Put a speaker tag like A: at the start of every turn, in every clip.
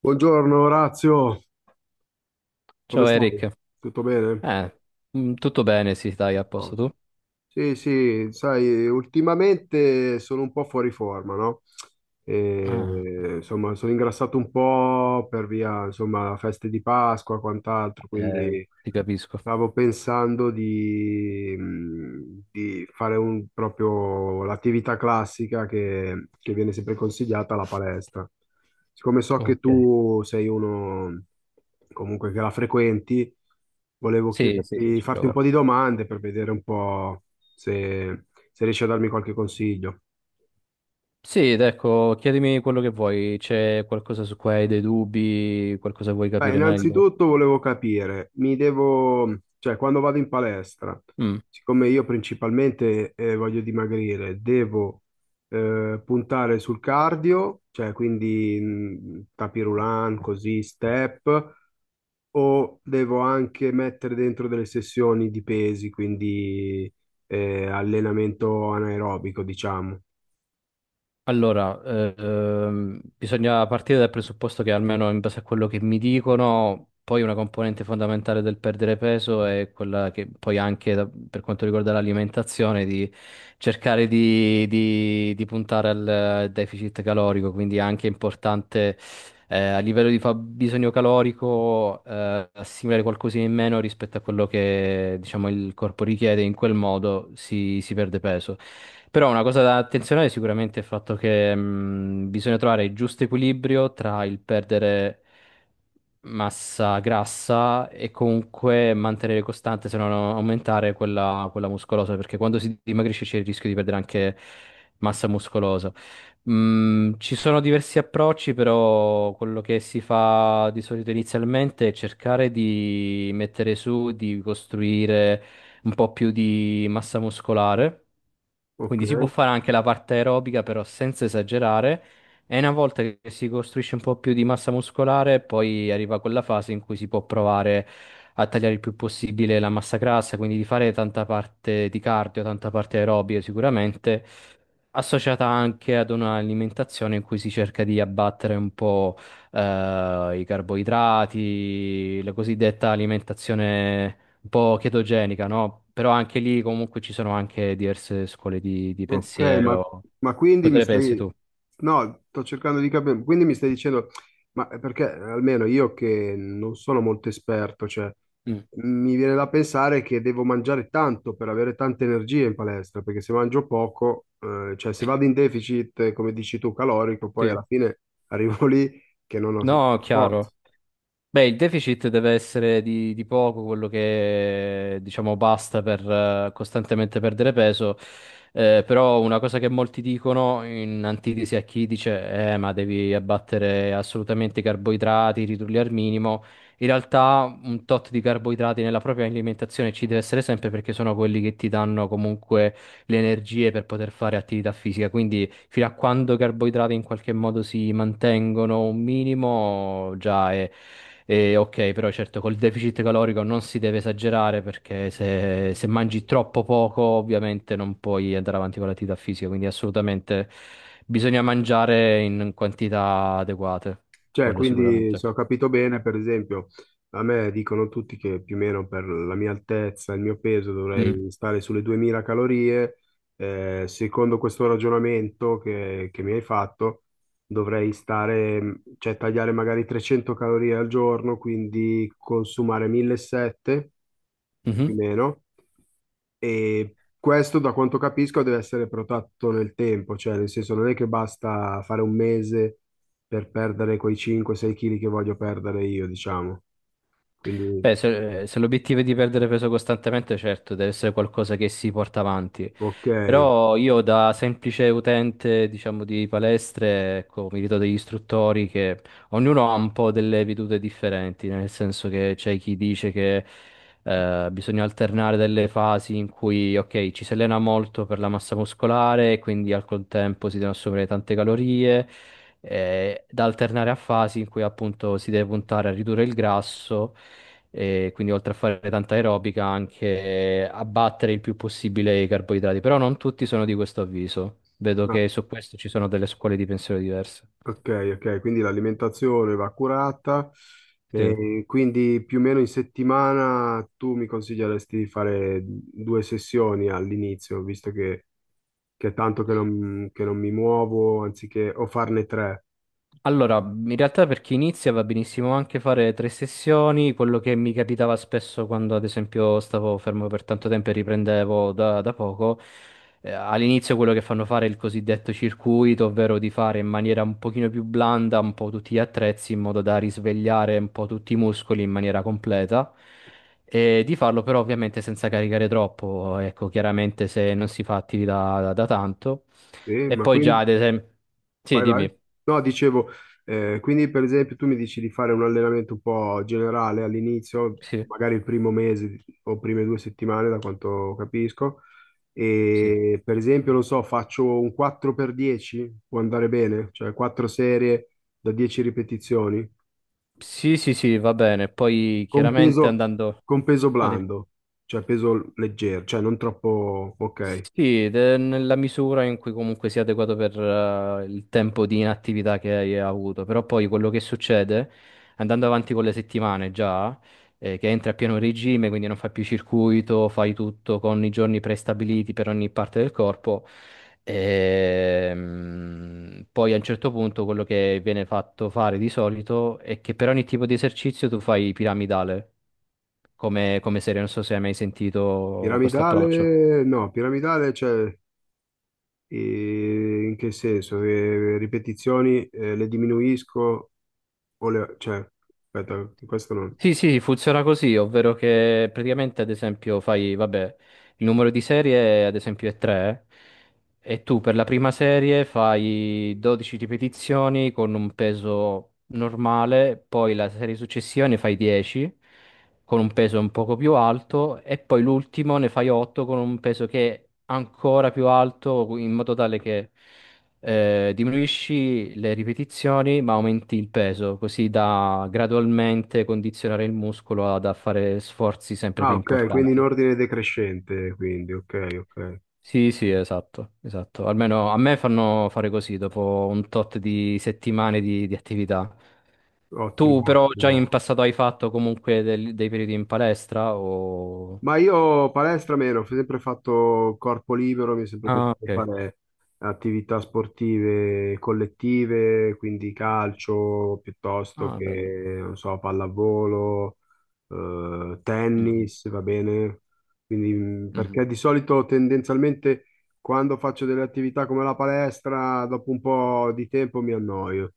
A: Buongiorno Orazio, come
B: Ciao
A: stai?
B: Eric,
A: Tutto bene?
B: eh, tutto bene, sì, dai,
A: A
B: a posto
A: posto.
B: tu?
A: Sì, sì, sai, ultimamente sono un po' fuori forma, no?
B: Ah,
A: E, insomma, sono ingrassato un po' per via, insomma, feste di Pasqua, quant'altro, quindi
B: ti capisco.
A: stavo pensando di fare un, proprio l'attività classica che viene sempre consigliata alla palestra. Siccome so che
B: Ok.
A: tu sei uno comunque che la frequenti, volevo
B: Sì, sì, sì,
A: chiederti,
B: ci
A: farti un
B: provo.
A: po' di domande per vedere un po' se, se riesci a darmi qualche consiglio.
B: Sì, ed ecco, chiedimi quello che vuoi, c'è qualcosa su cui hai dei dubbi, qualcosa vuoi
A: Beh,
B: capire meglio?
A: innanzitutto volevo capire, mi devo, cioè quando vado in palestra,
B: Mm.
A: siccome io principalmente voglio dimagrire, devo puntare sul cardio, cioè quindi tapis roulant, così, step, o devo anche mettere dentro delle sessioni di pesi, quindi allenamento anaerobico, diciamo.
B: Allora, bisogna partire dal presupposto che almeno in base a quello che mi dicono, poi una componente fondamentale del perdere peso è quella che poi anche per quanto riguarda l'alimentazione, di cercare di puntare al deficit calorico, quindi è anche importante a livello di fabbisogno calorico, assimilare qualcosina in meno rispetto a quello che, diciamo, il corpo richiede, in quel modo si perde peso. Però una cosa da attenzionare sicuramente è il fatto che bisogna trovare il giusto equilibrio tra il perdere massa grassa e comunque mantenere costante, se no non aumentare quella muscolosa, perché quando si dimagrisce c'è il rischio di perdere anche massa muscolosa. Mm, ci sono diversi approcci, però quello che si fa di solito inizialmente è cercare di mettere su, di costruire un po' più di massa muscolare,
A: Ok.
B: quindi si può fare anche la parte aerobica, però senza esagerare. E una volta che si costruisce un po' più di massa muscolare, poi arriva quella fase in cui si può provare a tagliare il più possibile la massa grassa, quindi di fare tanta parte di cardio, tanta parte aerobica sicuramente, associata anche ad un'alimentazione in cui si cerca di abbattere un po' i carboidrati, la cosiddetta alimentazione un po' chetogenica, no? Però anche lì comunque ci sono anche diverse scuole di
A: Ok, ma,
B: pensiero.
A: ma quindi
B: Cosa
A: mi
B: ne pensi
A: stai.
B: tu?
A: No, sto cercando di capire, quindi mi stai dicendo, ma perché almeno io che non sono molto esperto, cioè
B: Mm,
A: mi viene da pensare che devo mangiare tanto per avere tante energie in palestra, perché se mangio poco, cioè se vado in deficit, come dici tu, calorico, poi
B: sì.
A: alla fine arrivo lì che non ho
B: No,
A: forza.
B: chiaro. Beh, il deficit deve essere di poco, quello che diciamo basta per costantemente perdere peso, però una cosa che molti dicono in antitesi a chi dice ma devi abbattere assolutamente i carboidrati, ridurli al minimo, in realtà un tot di carboidrati nella propria alimentazione ci deve essere sempre perché sono quelli che ti danno comunque le energie per poter fare attività fisica, quindi fino a quando i carboidrati in qualche modo si mantengono un minimo, già è ok, però certo col deficit calorico non si deve esagerare perché se mangi troppo poco ovviamente non puoi andare avanti con l'attività fisica, quindi assolutamente bisogna mangiare in quantità adeguate,
A: Cioè,
B: quello
A: quindi
B: sicuramente.
A: se ho capito bene, per esempio, a me dicono tutti che più o meno per la mia altezza, il mio peso
B: Mm.
A: dovrei stare sulle 2000 calorie. Secondo questo ragionamento che mi hai fatto, dovrei stare, cioè tagliare magari 300 calorie al giorno, quindi consumare 1700 più o
B: Mhm.
A: meno. E questo, da quanto capisco, deve essere protetto nel tempo, cioè nel senso non è che basta fare un mese per perdere quei 5-6 kg che voglio perdere io, diciamo. Quindi,
B: Beh, se l'obiettivo è di perdere peso costantemente, certo, deve essere qualcosa che si porta avanti.
A: ok,
B: Però io da semplice utente, diciamo, di palestre, ecco, mi ritrovo degli istruttori che ognuno ha un po' delle vedute differenti, nel senso che c'è chi dice che bisogna alternare delle fasi in cui, ok, ci si allena molto per la massa muscolare, e quindi al contempo si devono assumere tante calorie, da alternare a fasi in cui appunto si deve puntare a ridurre il grasso e quindi oltre a fare tanta aerobica anche abbattere il più possibile i carboidrati, però non tutti sono di questo avviso. Vedo
A: ma-
B: che su questo ci sono delle scuole di pensiero diverse.
A: ok, ok, quindi l'alimentazione va curata.
B: Sì.
A: E quindi più o meno in settimana tu mi consiglieresti di fare due sessioni all'inizio, visto che è tanto che non mi muovo, anziché o farne tre.
B: Allora, in realtà per chi inizia va benissimo anche fare tre sessioni, quello che mi capitava spesso quando ad esempio stavo fermo per tanto tempo e riprendevo da poco, all'inizio quello che fanno fare è il cosiddetto circuito, ovvero di fare in maniera un pochino più blanda un po' tutti gli attrezzi in modo da risvegliare un po' tutti i muscoli in maniera completa e di farlo però ovviamente senza caricare troppo, ecco, chiaramente se non si fa attività da tanto.
A: Sì,
B: E
A: ma
B: poi già
A: quindi
B: ad esempio... Sì,
A: vai, vai.
B: dimmi.
A: No, dicevo, quindi per esempio tu mi dici di fare un allenamento un po' generale all'inizio,
B: Sì.
A: magari il primo mese o prime due settimane, da quanto capisco,
B: Sì.
A: e per esempio, non so, faccio un 4x10, può andare bene, cioè 4 serie da 10 ripetizioni,
B: Sì, sì, sì, va bene. Poi
A: con
B: chiaramente
A: peso,
B: andando...
A: con peso
B: no,
A: blando, cioè peso leggero, cioè non troppo, ok.
B: sì, ed è nella misura in cui comunque sia adeguato per il tempo di inattività che hai avuto. Però poi quello che succede, andando avanti con le settimane già, che entri a pieno regime, quindi non fai più circuito, fai tutto con i giorni prestabiliti per ogni parte del corpo. Poi a un certo punto quello che viene fatto fare di solito è che per ogni tipo di esercizio tu fai piramidale come serie, non so se hai mai sentito questo approccio.
A: Piramidale, no, piramidale, cioè. E in che senso? Che ripetizioni le diminuisco o le, cioè, aspetta, questo non.
B: Sì, sì, funziona così, ovvero che praticamente ad esempio fai, vabbè, il numero di serie ad esempio è 3 e tu per la prima serie fai 12 ripetizioni con un peso normale, poi la serie successiva ne fai 10 con un peso un poco più alto e poi l'ultimo ne fai 8 con un peso che è ancora più alto in modo tale che diminuisci le ripetizioni ma aumenti il peso, così da gradualmente condizionare il muscolo ad a fare sforzi sempre
A: Ah,
B: più
A: ok, quindi in
B: importanti.
A: ordine decrescente, quindi, ok, ok.
B: Sì, sì, esatto, esatto. Almeno a me fanno fare così dopo un tot di settimane di attività. Tu
A: Ottimo,
B: però già
A: ottimo.
B: in passato hai fatto comunque dei periodi in palestra o...
A: Ma io palestra meno, ho sempre fatto corpo libero, mi è sempre
B: Ah,
A: piaciuto
B: ok.
A: fare attività sportive collettive, quindi calcio piuttosto
B: Ah, bello.
A: che, non so, pallavolo,
B: Mhm,
A: tennis, va bene? Quindi,
B: mhm.
A: perché di solito tendenzialmente quando faccio delle attività come la palestra, dopo un po' di tempo mi annoio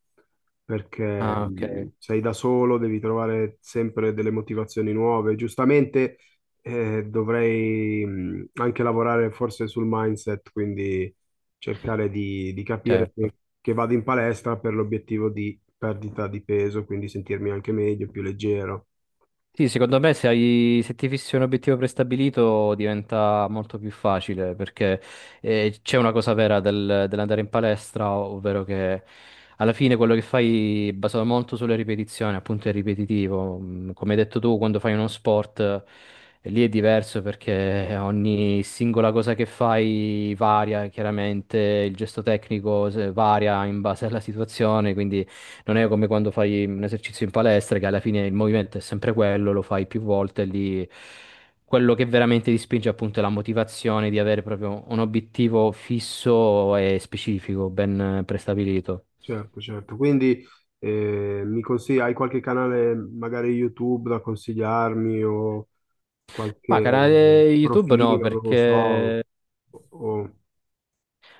A: perché
B: Ah, ok,
A: sei da solo, devi trovare sempre delle motivazioni nuove. Giustamente dovrei anche lavorare forse sul mindset, quindi cercare di capire
B: certo.
A: che vado in palestra per l'obiettivo di perdita di peso, quindi sentirmi anche meglio, più leggero.
B: Sì, secondo me se hai, se ti fissi un obiettivo prestabilito diventa molto più facile perché c'è una cosa vera dell'andare in palestra, ovvero che alla fine quello che fai è basato molto sulle ripetizioni, appunto è ripetitivo. Mm, come hai detto tu, quando fai uno sport lì è diverso perché ogni singola cosa che fai varia chiaramente, il gesto tecnico varia in base alla situazione, quindi non è come quando fai un esercizio in palestra, che alla fine il movimento è sempre quello, lo fai più volte, lì quello che veramente ti spinge appunto è la motivazione di avere proprio un obiettivo fisso e specifico, ben prestabilito.
A: Certo, certo. Quindi mi consigli, hai qualche canale, magari YouTube, da consigliarmi o
B: Ma
A: qualche
B: canale YouTube no,
A: profilo, non lo so.
B: perché
A: O-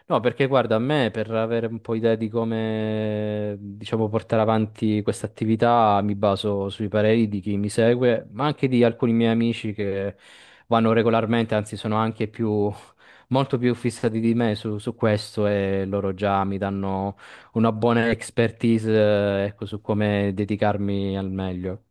B: no, perché guarda, a me per avere un po' idea di come, diciamo, portare avanti questa attività mi baso sui pareri di chi mi segue, ma anche di alcuni miei amici che vanno regolarmente, anzi sono anche molto più fissati di me su, su questo e loro già mi danno una buona expertise, ecco, su come dedicarmi al meglio.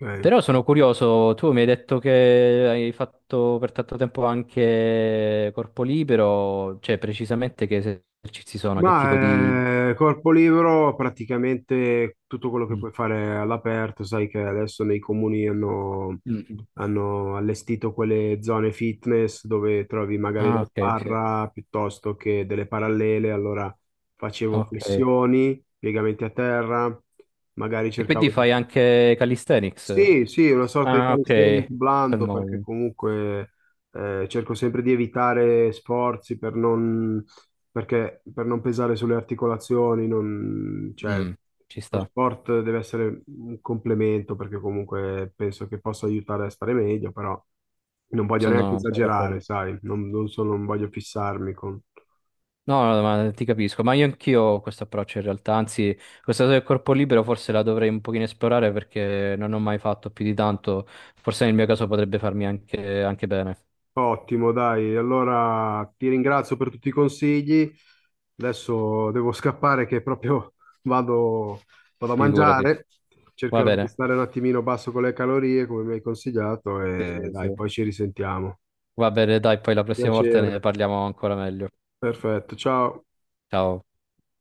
A: ok.
B: Però sono curioso, tu mi hai detto che hai fatto per tanto tempo anche corpo libero, cioè precisamente che esercizi sono, che tipo di...
A: Ma corpo libero praticamente tutto quello che
B: Mm.
A: puoi fare all'aperto, sai che adesso nei comuni hanno,
B: Mm, mm.
A: hanno allestito quelle zone fitness dove trovi magari la
B: Ah, ok, sì.
A: sbarra piuttosto che delle parallele, allora facevo
B: Ok. E
A: flessioni, piegamenti a terra, magari
B: quindi
A: cercavo di
B: fai anche calisthenics?
A: sì, sì, una sorta di
B: Ah,
A: calisthenic
B: ok.
A: blando perché
B: Fermo.
A: comunque cerco sempre di evitare sforzi per non, per non pesare sulle articolazioni, cioè,
B: Mm, ci
A: lo
B: sta,
A: sport deve essere un complemento perché comunque penso che possa aiutare a stare meglio, però non voglio neanche
B: sono
A: esagerare,
B: d'accordo.
A: sai, non voglio fissarmi con.
B: No, no, ma ti capisco, ma io anch'io ho questo approccio in realtà, anzi, questa cosa del corpo libero forse la dovrei un pochino esplorare perché non ho mai fatto più di tanto, forse nel mio caso potrebbe farmi anche bene,
A: Ottimo, dai. Allora ti ringrazio per tutti i consigli. Adesso devo scappare che proprio vado, vado, a
B: figurati.
A: mangiare.
B: Va
A: Cercherò di
B: bene,
A: stare un attimino basso con le calorie, come mi hai consigliato,
B: sì,
A: e
B: sì,
A: dai,
B: sì.
A: poi ci risentiamo.
B: Va bene, dai, poi la prossima volta ne
A: Piacere.
B: parliamo ancora meglio.
A: Perfetto, ciao.
B: Ciao.